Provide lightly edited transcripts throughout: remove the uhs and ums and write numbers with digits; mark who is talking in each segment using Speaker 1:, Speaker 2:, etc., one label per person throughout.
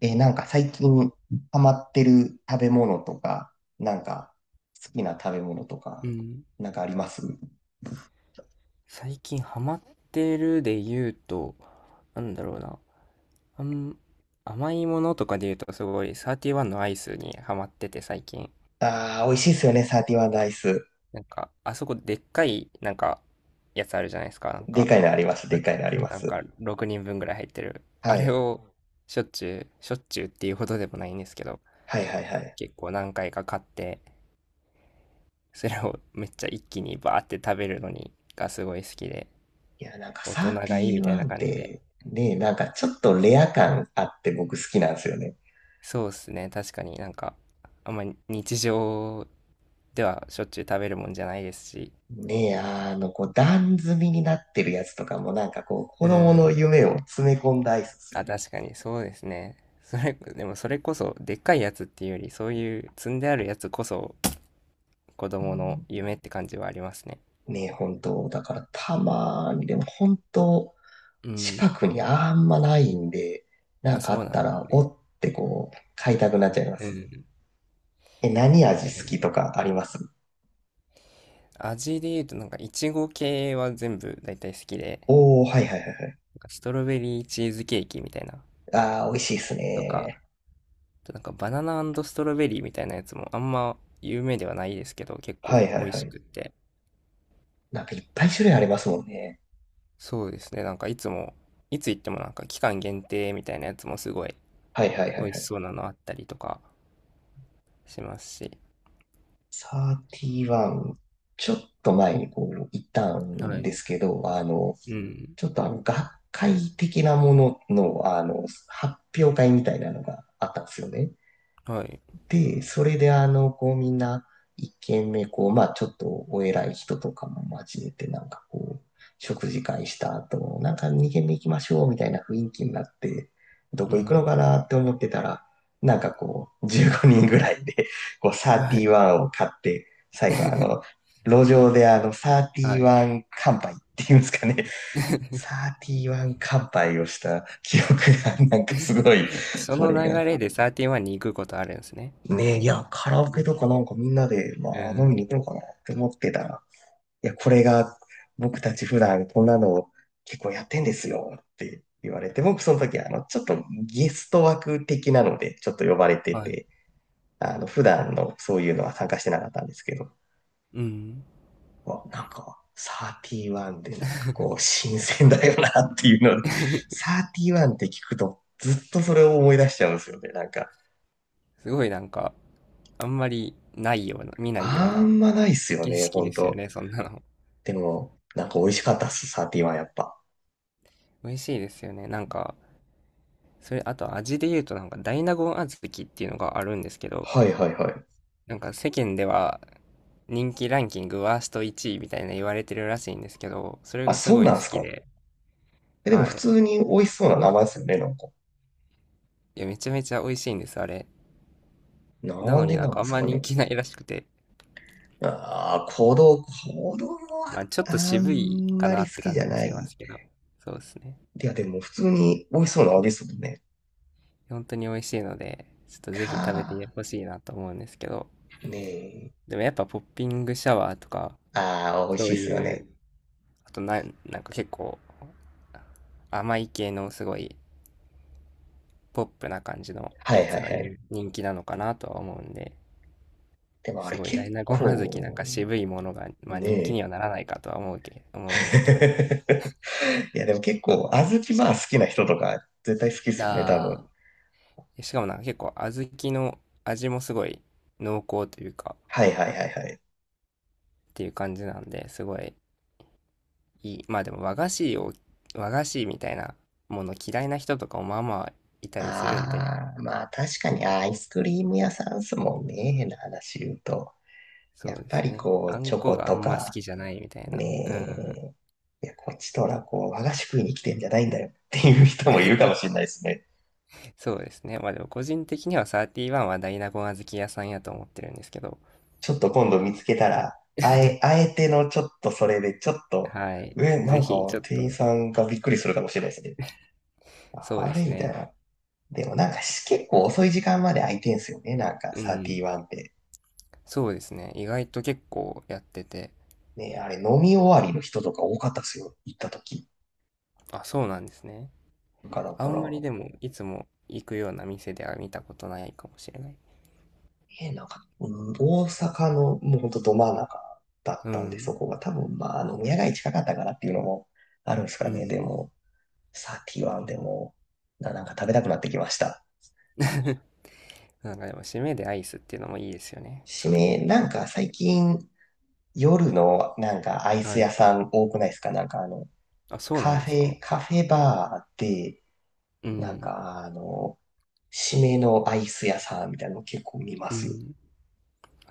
Speaker 1: なんか最近ハマってる食べ物とか、なんか好きな食べ物と
Speaker 2: う
Speaker 1: か、
Speaker 2: ん、
Speaker 1: なんかあります？
Speaker 2: 最近ハマってるで言うと、なんだろうな、あん、甘いものとかで言うとすごい31のアイスにハマってて最近。
Speaker 1: ああー、美味しいですよね、サーティワンダイス。
Speaker 2: なんか、あそこでっかい、なんか、やつあるじゃないですか。なん
Speaker 1: で
Speaker 2: か、
Speaker 1: かいのあります、
Speaker 2: な
Speaker 1: で
Speaker 2: ん
Speaker 1: か
Speaker 2: て
Speaker 1: い
Speaker 2: いう
Speaker 1: の
Speaker 2: の、
Speaker 1: ありま
Speaker 2: なん
Speaker 1: す。
Speaker 2: か6人分ぐらい入ってる。あ
Speaker 1: は
Speaker 2: れ
Speaker 1: い。
Speaker 2: をしょっちゅう、しょっちゅうっていうほどでもないんですけど、
Speaker 1: はいはいはい。
Speaker 2: 結構何回か買って、それをめっちゃ一気にバーって食べるのにがすごい好きで、
Speaker 1: いや、なんか
Speaker 2: 大
Speaker 1: サ
Speaker 2: 人
Speaker 1: ーテ
Speaker 2: がいい
Speaker 1: ィ
Speaker 2: みたい
Speaker 1: ワ
Speaker 2: な
Speaker 1: ンっ
Speaker 2: 感じで。
Speaker 1: て、ね、なんかちょっとレア感あって僕好きなんですよね。
Speaker 2: そうですね。確かになんか、あんまり日常ではしょっちゅう食べるもんじゃないですし。
Speaker 1: ねえ、こう、段積みになってるやつとかも、なんかこう、子
Speaker 2: う
Speaker 1: 供の
Speaker 2: ん。
Speaker 1: 夢を詰め込んだアイスですよ
Speaker 2: あ、
Speaker 1: ね。
Speaker 2: 確かにそうですね。でもそれこそ、でっかいやつっていうより、そういう積んであるやつこそ、子供の夢って感じはありますね。
Speaker 1: ねえ、本当だからたまに、でも本当
Speaker 2: うん。
Speaker 1: 近くにあんまないんで、な
Speaker 2: あ、
Speaker 1: んかあ
Speaker 2: そう
Speaker 1: っ
Speaker 2: な
Speaker 1: た
Speaker 2: んです
Speaker 1: ら、お
Speaker 2: ね。
Speaker 1: ってこう、買いたくなっちゃいま
Speaker 2: うん。
Speaker 1: す。
Speaker 2: い
Speaker 1: え、何味
Speaker 2: や、で
Speaker 1: 好
Speaker 2: も、
Speaker 1: きとかあります？
Speaker 2: 味で言うと、なんか、いちご系は全部大体好きで、
Speaker 1: おー、はいはいはいはい。
Speaker 2: なんかストロベリーチーズケーキみたいな、
Speaker 1: あー、美味しいっす
Speaker 2: とか、
Speaker 1: ね。
Speaker 2: なんかバナナストロベリーみたいなやつもあんま有名ではないですけど、結
Speaker 1: は
Speaker 2: 構
Speaker 1: いは
Speaker 2: 美
Speaker 1: い
Speaker 2: 味
Speaker 1: は
Speaker 2: し
Speaker 1: い。
Speaker 2: くって。
Speaker 1: なんかいっぱい種類ありますもんね。
Speaker 2: そうですね、なんかいつ行ってもなんか期間限定みたいなやつもすごい
Speaker 1: はいはいは
Speaker 2: 美
Speaker 1: い
Speaker 2: 味
Speaker 1: は
Speaker 2: し
Speaker 1: い。
Speaker 2: そうなのあったりとかしますし。
Speaker 1: 31、ちょっと前にこう、行った
Speaker 2: は
Speaker 1: ん
Speaker 2: い。
Speaker 1: ですけど、
Speaker 2: うん。
Speaker 1: ちょっと学会的なものの、発表会みたいなのがあったんですよね。
Speaker 2: はい。
Speaker 1: で、それでこうみんな一軒目、こう、まあちょっとお偉い人とかも交えて、なんかこう、食事会した後、なんか二軒目行きましょうみたいな雰囲気になって、ど
Speaker 2: う
Speaker 1: こ行くの
Speaker 2: ん。
Speaker 1: かなって思ってたら、なんかこう、15人ぐらいで、こう、
Speaker 2: はい。
Speaker 1: 31を買って、最後路
Speaker 2: え
Speaker 1: 上で
Speaker 2: はい。
Speaker 1: 31乾杯っていうんですかね、31乾杯をした記憶が、なんかすごい、
Speaker 2: そ
Speaker 1: そ
Speaker 2: の
Speaker 1: れ
Speaker 2: 流
Speaker 1: が
Speaker 2: れでサーティワンに行くことあるんですね。
Speaker 1: ねえ、いや、カラオケ
Speaker 2: え
Speaker 1: とかなんかみんなで、ま
Speaker 2: う
Speaker 1: あ、飲み
Speaker 2: ん。
Speaker 1: に行こうかなって思ってたら、いや、これが僕たち普段こんなのを結構やってんですよって言われて、僕その時、ちょっとゲスト枠的なので、ちょっと呼ばれて
Speaker 2: はい。
Speaker 1: て、普段のそういうのは参加してなかったんですけど、
Speaker 2: うん。
Speaker 1: なんか、31でなんかこう、新鮮だよなっていうので、31って聞くとずっとそれを思い出しちゃうんですよね。なんか、
Speaker 2: すごいなんか、あんまりないような、見ないよう
Speaker 1: あ
Speaker 2: な
Speaker 1: んまないっすよ
Speaker 2: 景
Speaker 1: ね、
Speaker 2: 色
Speaker 1: ほん
Speaker 2: ですよ
Speaker 1: と。
Speaker 2: ね、そんなの。
Speaker 1: でも、なんか美味しかったっす、サーティはやっぱ。
Speaker 2: 美味しいですよね。なんか、それ、あと味で言うとなんか大納言小豆っていうのがあるんですけど、
Speaker 1: はいはいはい。
Speaker 2: なんか世間では人気ランキングワースト1位みたいな言われてるらしいんですけど、それ
Speaker 1: あ、
Speaker 2: がす
Speaker 1: そう
Speaker 2: ごい
Speaker 1: なん
Speaker 2: 好
Speaker 1: す
Speaker 2: き
Speaker 1: か。
Speaker 2: で、
Speaker 1: え、でも
Speaker 2: は
Speaker 1: 普
Speaker 2: い。
Speaker 1: 通に美味しそうな名前ですよね、なんか。
Speaker 2: いや、めちゃめちゃ美味しいんです、あれ。な
Speaker 1: なん
Speaker 2: のに
Speaker 1: で
Speaker 2: なん
Speaker 1: な
Speaker 2: か
Speaker 1: ん
Speaker 2: あん
Speaker 1: す
Speaker 2: ま
Speaker 1: か
Speaker 2: 人
Speaker 1: ね。
Speaker 2: 気ないらしくて、
Speaker 1: ああ、子供は
Speaker 2: まあちょっと
Speaker 1: あ
Speaker 2: 渋い
Speaker 1: ん
Speaker 2: か
Speaker 1: ま
Speaker 2: な
Speaker 1: り
Speaker 2: っ
Speaker 1: 好
Speaker 2: て
Speaker 1: き
Speaker 2: 感
Speaker 1: じ
Speaker 2: じ
Speaker 1: ゃ
Speaker 2: も
Speaker 1: ない。
Speaker 2: し
Speaker 1: い
Speaker 2: ますけど、そうですね。
Speaker 1: や、でも普通に美味しそうな味ですもんね。
Speaker 2: 本当に美味しいので、ちょっとぜひ食べ
Speaker 1: か
Speaker 2: てほしいなと思うんですけど、
Speaker 1: ー、ね
Speaker 2: でもやっぱポッピングシャワーとか、
Speaker 1: え。ああ、美味
Speaker 2: そ
Speaker 1: し
Speaker 2: う
Speaker 1: いっすよ
Speaker 2: いう、
Speaker 1: ね。
Speaker 2: あとな、なんか結構甘い系のすごいポップな感じの
Speaker 1: はい
Speaker 2: や
Speaker 1: は
Speaker 2: つ
Speaker 1: い
Speaker 2: が
Speaker 1: はい。
Speaker 2: 人気なのかなとは思うんで、
Speaker 1: でもあ
Speaker 2: す
Speaker 1: れ
Speaker 2: ごい大
Speaker 1: 結
Speaker 2: 納言小豆なん
Speaker 1: 構、
Speaker 2: か渋いものが、まあ、
Speaker 1: ね
Speaker 2: 人気に
Speaker 1: え。
Speaker 2: はならないかとは思うんですけど。
Speaker 1: いや、でも結構、小豆まあ好きな人とか絶対好きっすよね、多分。
Speaker 2: あしかもなんか結構小豆の味もすごい濃厚というか、
Speaker 1: はいはいはいはい。
Speaker 2: っていう感じなんで、すごいいい。まあでも和菓子みたいなもの嫌いな人とかもまあまあいたりするんで、
Speaker 1: ああ、まあ確かにアイスクリーム屋さんっすもんね、変な話言うと。
Speaker 2: そ
Speaker 1: や
Speaker 2: う
Speaker 1: っ
Speaker 2: で
Speaker 1: ぱ
Speaker 2: す
Speaker 1: り
Speaker 2: ね。
Speaker 1: こ
Speaker 2: あ
Speaker 1: う、
Speaker 2: ん
Speaker 1: チョ
Speaker 2: こ
Speaker 1: コ
Speaker 2: があ
Speaker 1: と
Speaker 2: んま好
Speaker 1: か、
Speaker 2: きじゃないみたいな。うん。
Speaker 1: ねえ、いや、こっちとらこう、和菓子食いに来てんじゃないんだよっていう人もいるかもしれないですね。
Speaker 2: そうですね。まあでも個人的には31はダイナゴン小豆屋さんやと思ってるんですけど。
Speaker 1: ちょっと今度見つけたら、あえてのちょっとそれで、ちょっと、
Speaker 2: はい。
Speaker 1: え、な
Speaker 2: ぜ
Speaker 1: んか
Speaker 2: ひ、ちょっ
Speaker 1: 店員
Speaker 2: と、
Speaker 1: さんがびっくりするかもしれないですね。
Speaker 2: そう
Speaker 1: あ
Speaker 2: で
Speaker 1: れ
Speaker 2: す
Speaker 1: みたい
Speaker 2: ね。
Speaker 1: な。でもなんかし結構遅い時間まで開いてんすよね、なんか
Speaker 2: うん。
Speaker 1: 31って。
Speaker 2: そうですね。意外と結構やってて。
Speaker 1: ね、あれ飲み終わりの人とか多かったですよ。行った時。
Speaker 2: あ、そうなんですね。
Speaker 1: なんかだ
Speaker 2: あ
Speaker 1: か
Speaker 2: ん
Speaker 1: ら、
Speaker 2: まりでも、いつも行くような店では見たことないかもしれない。
Speaker 1: なんか、うん大阪のもうほんとど真ん中だっ
Speaker 2: う
Speaker 1: たんで、
Speaker 2: ん。
Speaker 1: そこが多分まあ、宮街近かったからっていうのもあるんです
Speaker 2: う
Speaker 1: かね。で
Speaker 2: ん。
Speaker 1: も、サーティワンでも、なんか食べたくなってきました。
Speaker 2: なんかでも、締めでアイスっていうのもいいですよね。
Speaker 1: 締
Speaker 2: そうい
Speaker 1: め、
Speaker 2: う。
Speaker 1: なんか最近夜のなんかアイス
Speaker 2: は
Speaker 1: 屋
Speaker 2: い。
Speaker 1: さん多くないですか？なんか
Speaker 2: あ、そうな
Speaker 1: カ
Speaker 2: んで
Speaker 1: フ
Speaker 2: すか。
Speaker 1: ェ、カフェバーで、
Speaker 2: う
Speaker 1: なん
Speaker 2: ん。
Speaker 1: か締めのアイス屋さんみたいなの結構見ま
Speaker 2: う
Speaker 1: すよ。
Speaker 2: ん。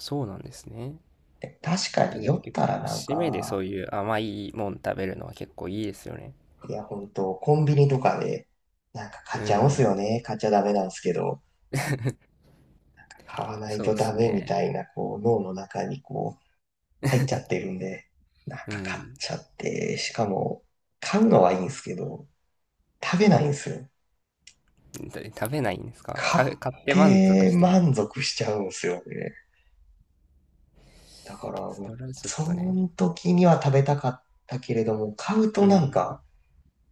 Speaker 2: そうなんですね。
Speaker 1: でも確かに
Speaker 2: で
Speaker 1: 酔
Speaker 2: も
Speaker 1: っ
Speaker 2: 結
Speaker 1: たら
Speaker 2: 構、
Speaker 1: なん
Speaker 2: 締めでそ
Speaker 1: か、
Speaker 2: ういう甘いもん食べるのは結構いいですよね。
Speaker 1: いや、本当コンビニとかで、なんか買
Speaker 2: う
Speaker 1: っちゃうんすよ
Speaker 2: ん。
Speaker 1: ね。買っちゃダメなんですけど、買わない
Speaker 2: そう
Speaker 1: と
Speaker 2: で
Speaker 1: ダ
Speaker 2: す
Speaker 1: メみ
Speaker 2: ね。
Speaker 1: たいな、こう、脳の中にこう、入っちゃってるんで、なん
Speaker 2: う
Speaker 1: か買っ
Speaker 2: ん。
Speaker 1: ちゃって、しかも、買うのはいいんですけど、食べないんですよ。
Speaker 2: で食べないんですか？
Speaker 1: 買っ
Speaker 2: 買って満足
Speaker 1: て
Speaker 2: してる。
Speaker 1: 満足しちゃうんですよね。だから、もう
Speaker 2: それはちょっ
Speaker 1: そ
Speaker 2: とね。
Speaker 1: の時には食べたかったけれども、買う
Speaker 2: う
Speaker 1: となん
Speaker 2: ん。
Speaker 1: か、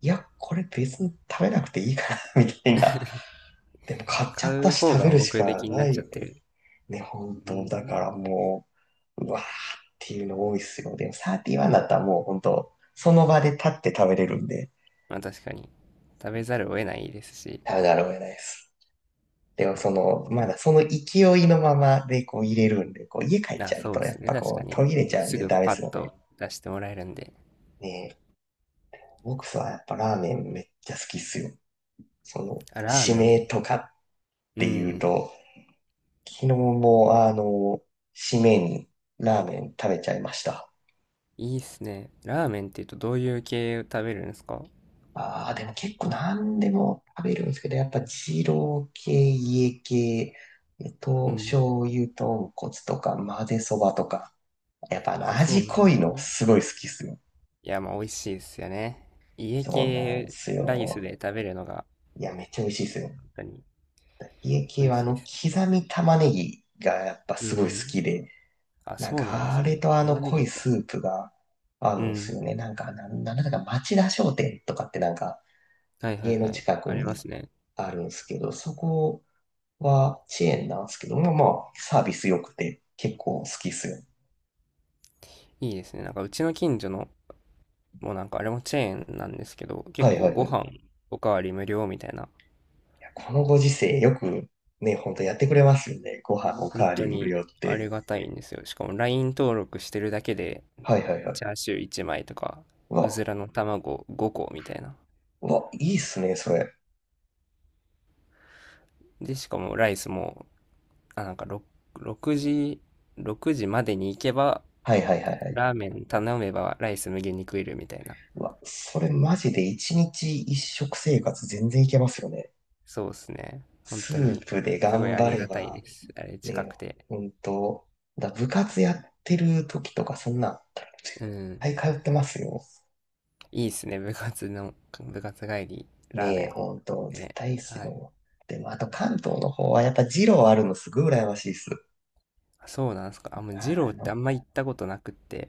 Speaker 1: いや、これ別に食べなくていいかな、みたいな。でも買っちゃ
Speaker 2: 買
Speaker 1: った
Speaker 2: う
Speaker 1: し
Speaker 2: 方
Speaker 1: 食べ
Speaker 2: が
Speaker 1: るし
Speaker 2: 目
Speaker 1: か
Speaker 2: 的にな
Speaker 1: な
Speaker 2: っ
Speaker 1: い
Speaker 2: ちゃっ
Speaker 1: よ
Speaker 2: て
Speaker 1: ね。
Speaker 2: る。
Speaker 1: ね、本
Speaker 2: う
Speaker 1: 当。だか
Speaker 2: ん。
Speaker 1: らもう、うわーっていうの多いっすよ。でも31だったらもう本当、その場で立って食べれるんで、
Speaker 2: まあ確かに。食べざるを得ないですし。
Speaker 1: 食べざるを得ないです。でもまだその勢いのままでこう入れるんで、こう家帰っ
Speaker 2: あ、
Speaker 1: ちゃう
Speaker 2: そう
Speaker 1: と
Speaker 2: で
Speaker 1: やっ
Speaker 2: すね。
Speaker 1: ぱ
Speaker 2: 確
Speaker 1: こ
Speaker 2: か
Speaker 1: う
Speaker 2: に。
Speaker 1: 途切れちゃうん
Speaker 2: す
Speaker 1: で
Speaker 2: ぐ
Speaker 1: ダメ
Speaker 2: パ
Speaker 1: で
Speaker 2: ッ
Speaker 1: すよね。
Speaker 2: と出してもらえるんで。
Speaker 1: ねえ、僕はやっぱラーメンめっちゃ好きっすよ。
Speaker 2: あ、ラー
Speaker 1: 締
Speaker 2: メン。
Speaker 1: めとかっ
Speaker 2: う
Speaker 1: ていう
Speaker 2: ん。
Speaker 1: と、昨日も締めにラーメン食べちゃいました。
Speaker 2: いいっすね。ラーメンって言うとどういう系を食べるんですか？
Speaker 1: ああ、でも結構何でも食べるんですけど、やっぱ二郎系、家系、
Speaker 2: うん。
Speaker 1: 醤油豚骨とか混ぜそばとか、やっぱあの
Speaker 2: あ、そう
Speaker 1: 味
Speaker 2: なん
Speaker 1: 濃
Speaker 2: で
Speaker 1: い
Speaker 2: す
Speaker 1: の
Speaker 2: ね。
Speaker 1: すごい好きっすよ。
Speaker 2: いや、まあ、美味しいですよね。家
Speaker 1: そうなん
Speaker 2: 系
Speaker 1: す
Speaker 2: ライス
Speaker 1: よ。
Speaker 2: で食べるのが、
Speaker 1: いや、めっちゃ美味しいっすよ。
Speaker 2: 本当に
Speaker 1: 家系
Speaker 2: 美味
Speaker 1: はあ
Speaker 2: しいで
Speaker 1: の
Speaker 2: すね。
Speaker 1: 刻み玉ねぎがやっぱ
Speaker 2: う
Speaker 1: すごい好
Speaker 2: ん。
Speaker 1: きで、
Speaker 2: あ、
Speaker 1: なん
Speaker 2: そうなんで
Speaker 1: か
Speaker 2: す
Speaker 1: あ
Speaker 2: ね。
Speaker 1: れとあ
Speaker 2: 玉
Speaker 1: の
Speaker 2: ね
Speaker 1: 濃
Speaker 2: ぎ
Speaker 1: い
Speaker 2: か。
Speaker 1: スープが合
Speaker 2: う
Speaker 1: うんす
Speaker 2: ん。
Speaker 1: よね。なんか、なんだか町田商店とかってなんか
Speaker 2: はいはい
Speaker 1: 家の
Speaker 2: はい。
Speaker 1: 近く
Speaker 2: ありま
Speaker 1: に
Speaker 2: すね。
Speaker 1: あるんすけど、そこはチェーンなんですけども、まあ、サービス良くて結構好きっすよ。
Speaker 2: いいですね。なんか、うちの近所の、もうなんか、あれもチェーンなんですけど、結
Speaker 1: はい
Speaker 2: 構
Speaker 1: はいは
Speaker 2: ご
Speaker 1: い。
Speaker 2: 飯
Speaker 1: い
Speaker 2: おかわり無料みたいな、
Speaker 1: やこのご時世よくね、ほんとやってくれますよね。ご飯おか
Speaker 2: 本
Speaker 1: わり
Speaker 2: 当
Speaker 1: 無
Speaker 2: に
Speaker 1: 料っ
Speaker 2: あ
Speaker 1: て。
Speaker 2: りがたいんですよ。しかも、LINE 登録してるだけで、
Speaker 1: はいはいはい。
Speaker 2: チャーシュー1枚とか、
Speaker 1: う
Speaker 2: うず
Speaker 1: わ、
Speaker 2: らの卵5個みたいな。
Speaker 1: うわ、いいっすね、それ。
Speaker 2: で、しかもライスもなんか6、時、6時までに行けば、
Speaker 1: はいはいはいはい。
Speaker 2: ラーメン頼めばライス無限に食えるみたいな。
Speaker 1: うわ、それマジで一日一食生活全然いけますよね。
Speaker 2: そうですね。本
Speaker 1: ス
Speaker 2: 当に、
Speaker 1: ープで
Speaker 2: すごい
Speaker 1: 頑
Speaker 2: あ
Speaker 1: 張
Speaker 2: り
Speaker 1: れ
Speaker 2: がたい
Speaker 1: ば、
Speaker 2: です。あれ近
Speaker 1: ね、
Speaker 2: くて。
Speaker 1: ほんと、部活やってる時とかそんな、は
Speaker 2: うん。
Speaker 1: い通ってますよ。
Speaker 2: いいっすね。部活帰り、ラー
Speaker 1: ね
Speaker 2: メ
Speaker 1: え、ほんと、
Speaker 2: ン。
Speaker 1: 絶
Speaker 2: ね。
Speaker 1: 対いいっす
Speaker 2: はい。
Speaker 1: よ。でも、あと関東の方はやっぱ二郎あるのすごい羨ましいっす。
Speaker 2: あ、そうなんですか。あ、もう、二郎
Speaker 1: あ
Speaker 2: ってあ
Speaker 1: の、
Speaker 2: んま行ったことなくって。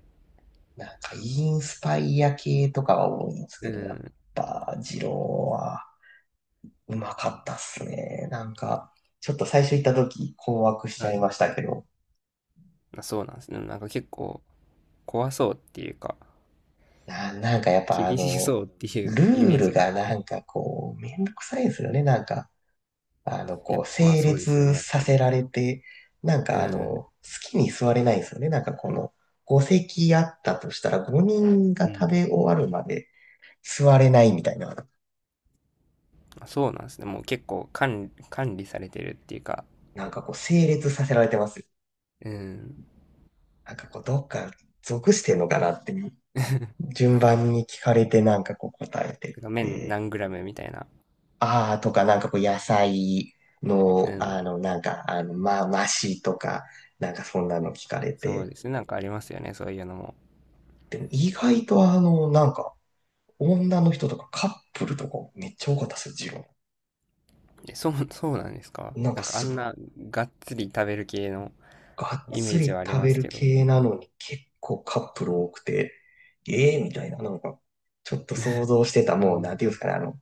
Speaker 1: なんかインスパイア系とかが多いんです
Speaker 2: う
Speaker 1: けど、やっ
Speaker 2: ん。
Speaker 1: ぱ二郎はうまかったっすね。なんか、ちょっと最初行った時困惑しち
Speaker 2: は
Speaker 1: ゃい
Speaker 2: い。
Speaker 1: ましたけど、
Speaker 2: あ、そうなんですね。なんか結構、怖そうっていうか、
Speaker 1: なんかやっぱ
Speaker 2: 厳しそうってい
Speaker 1: ル
Speaker 2: うイ
Speaker 1: ー
Speaker 2: メー
Speaker 1: ル
Speaker 2: ジがあ
Speaker 1: が
Speaker 2: っ
Speaker 1: な
Speaker 2: て。
Speaker 1: んかこう、めんどくさいんですよね。なんか、
Speaker 2: や
Speaker 1: こ
Speaker 2: っぱ、
Speaker 1: う、
Speaker 2: まあ
Speaker 1: 整
Speaker 2: そうですよね、
Speaker 1: 列
Speaker 2: やっ
Speaker 1: さ
Speaker 2: ぱ
Speaker 1: せ
Speaker 2: り。
Speaker 1: られて、なん
Speaker 2: う
Speaker 1: か
Speaker 2: ん。
Speaker 1: 好きに座れないんですよね。なんかこの、5席あったとしたら5人
Speaker 2: う
Speaker 1: が食
Speaker 2: ん。
Speaker 1: べ終わるまで座れないみたいな、
Speaker 2: そうなんですね。もう結構管理管理されてるっていうか、
Speaker 1: なんかこう、整列させられてますよ。
Speaker 2: うん。
Speaker 1: なんかこう、どっか属してんのかなって、順番に聞かれてなんかこう答えてっ
Speaker 2: てか麺
Speaker 1: て、
Speaker 2: 何グラムみたいな。
Speaker 1: あーとかなんかこう、野菜
Speaker 2: う
Speaker 1: の、
Speaker 2: ん。
Speaker 1: なんか、まあ、マシとか、なんかそんなの聞かれ
Speaker 2: そう
Speaker 1: て、
Speaker 2: ですね。なんかありますよね。そういうのも。
Speaker 1: でも意外となんか、女の人とかカップルとかめっちゃ多かったですよ、ジロ
Speaker 2: え、そうなんですか？
Speaker 1: ー。なん
Speaker 2: な
Speaker 1: か
Speaker 2: んかあ
Speaker 1: すっご
Speaker 2: ん
Speaker 1: い
Speaker 2: ながっつり食べる系の
Speaker 1: がっ
Speaker 2: イメ
Speaker 1: つ
Speaker 2: ージ
Speaker 1: り
Speaker 2: はあり
Speaker 1: 食
Speaker 2: ま
Speaker 1: べ
Speaker 2: す
Speaker 1: る
Speaker 2: けど。
Speaker 1: 系なのに結構カップル多くて、ええみたいな、なんか、ちょっと想像してた、
Speaker 2: う
Speaker 1: もう、なんてい
Speaker 2: ん。
Speaker 1: うんですかね、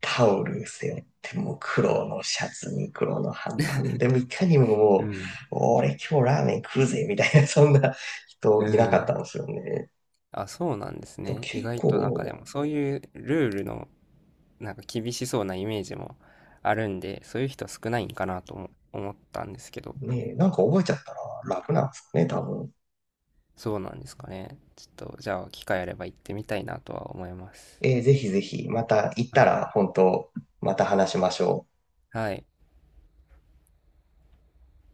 Speaker 1: タオル背負って、もう黒のシャツに黒の半パンでもいかにもも
Speaker 2: う
Speaker 1: う、
Speaker 2: ん。
Speaker 1: 俺今日ラーメン食うぜ、みたいな、そんな人
Speaker 2: う
Speaker 1: いなかった
Speaker 2: ん。
Speaker 1: んですよね。
Speaker 2: あ、そうなんです
Speaker 1: だから
Speaker 2: ね。意
Speaker 1: 結
Speaker 2: 外となんかで
Speaker 1: 構、
Speaker 2: もそういうルールのなんか厳しそうなイメージもあるんで、そういう人少ないんかなとも思ったんですけど。
Speaker 1: ね、なんか覚えちゃったら楽なんですかね、多分。
Speaker 2: そうなんですかね。ちょっと、じゃあ、機会あれば行ってみたいなとは思います。
Speaker 1: ぜひぜひ、また行った
Speaker 2: はい。
Speaker 1: ら、本当また話しましょう。
Speaker 2: はい。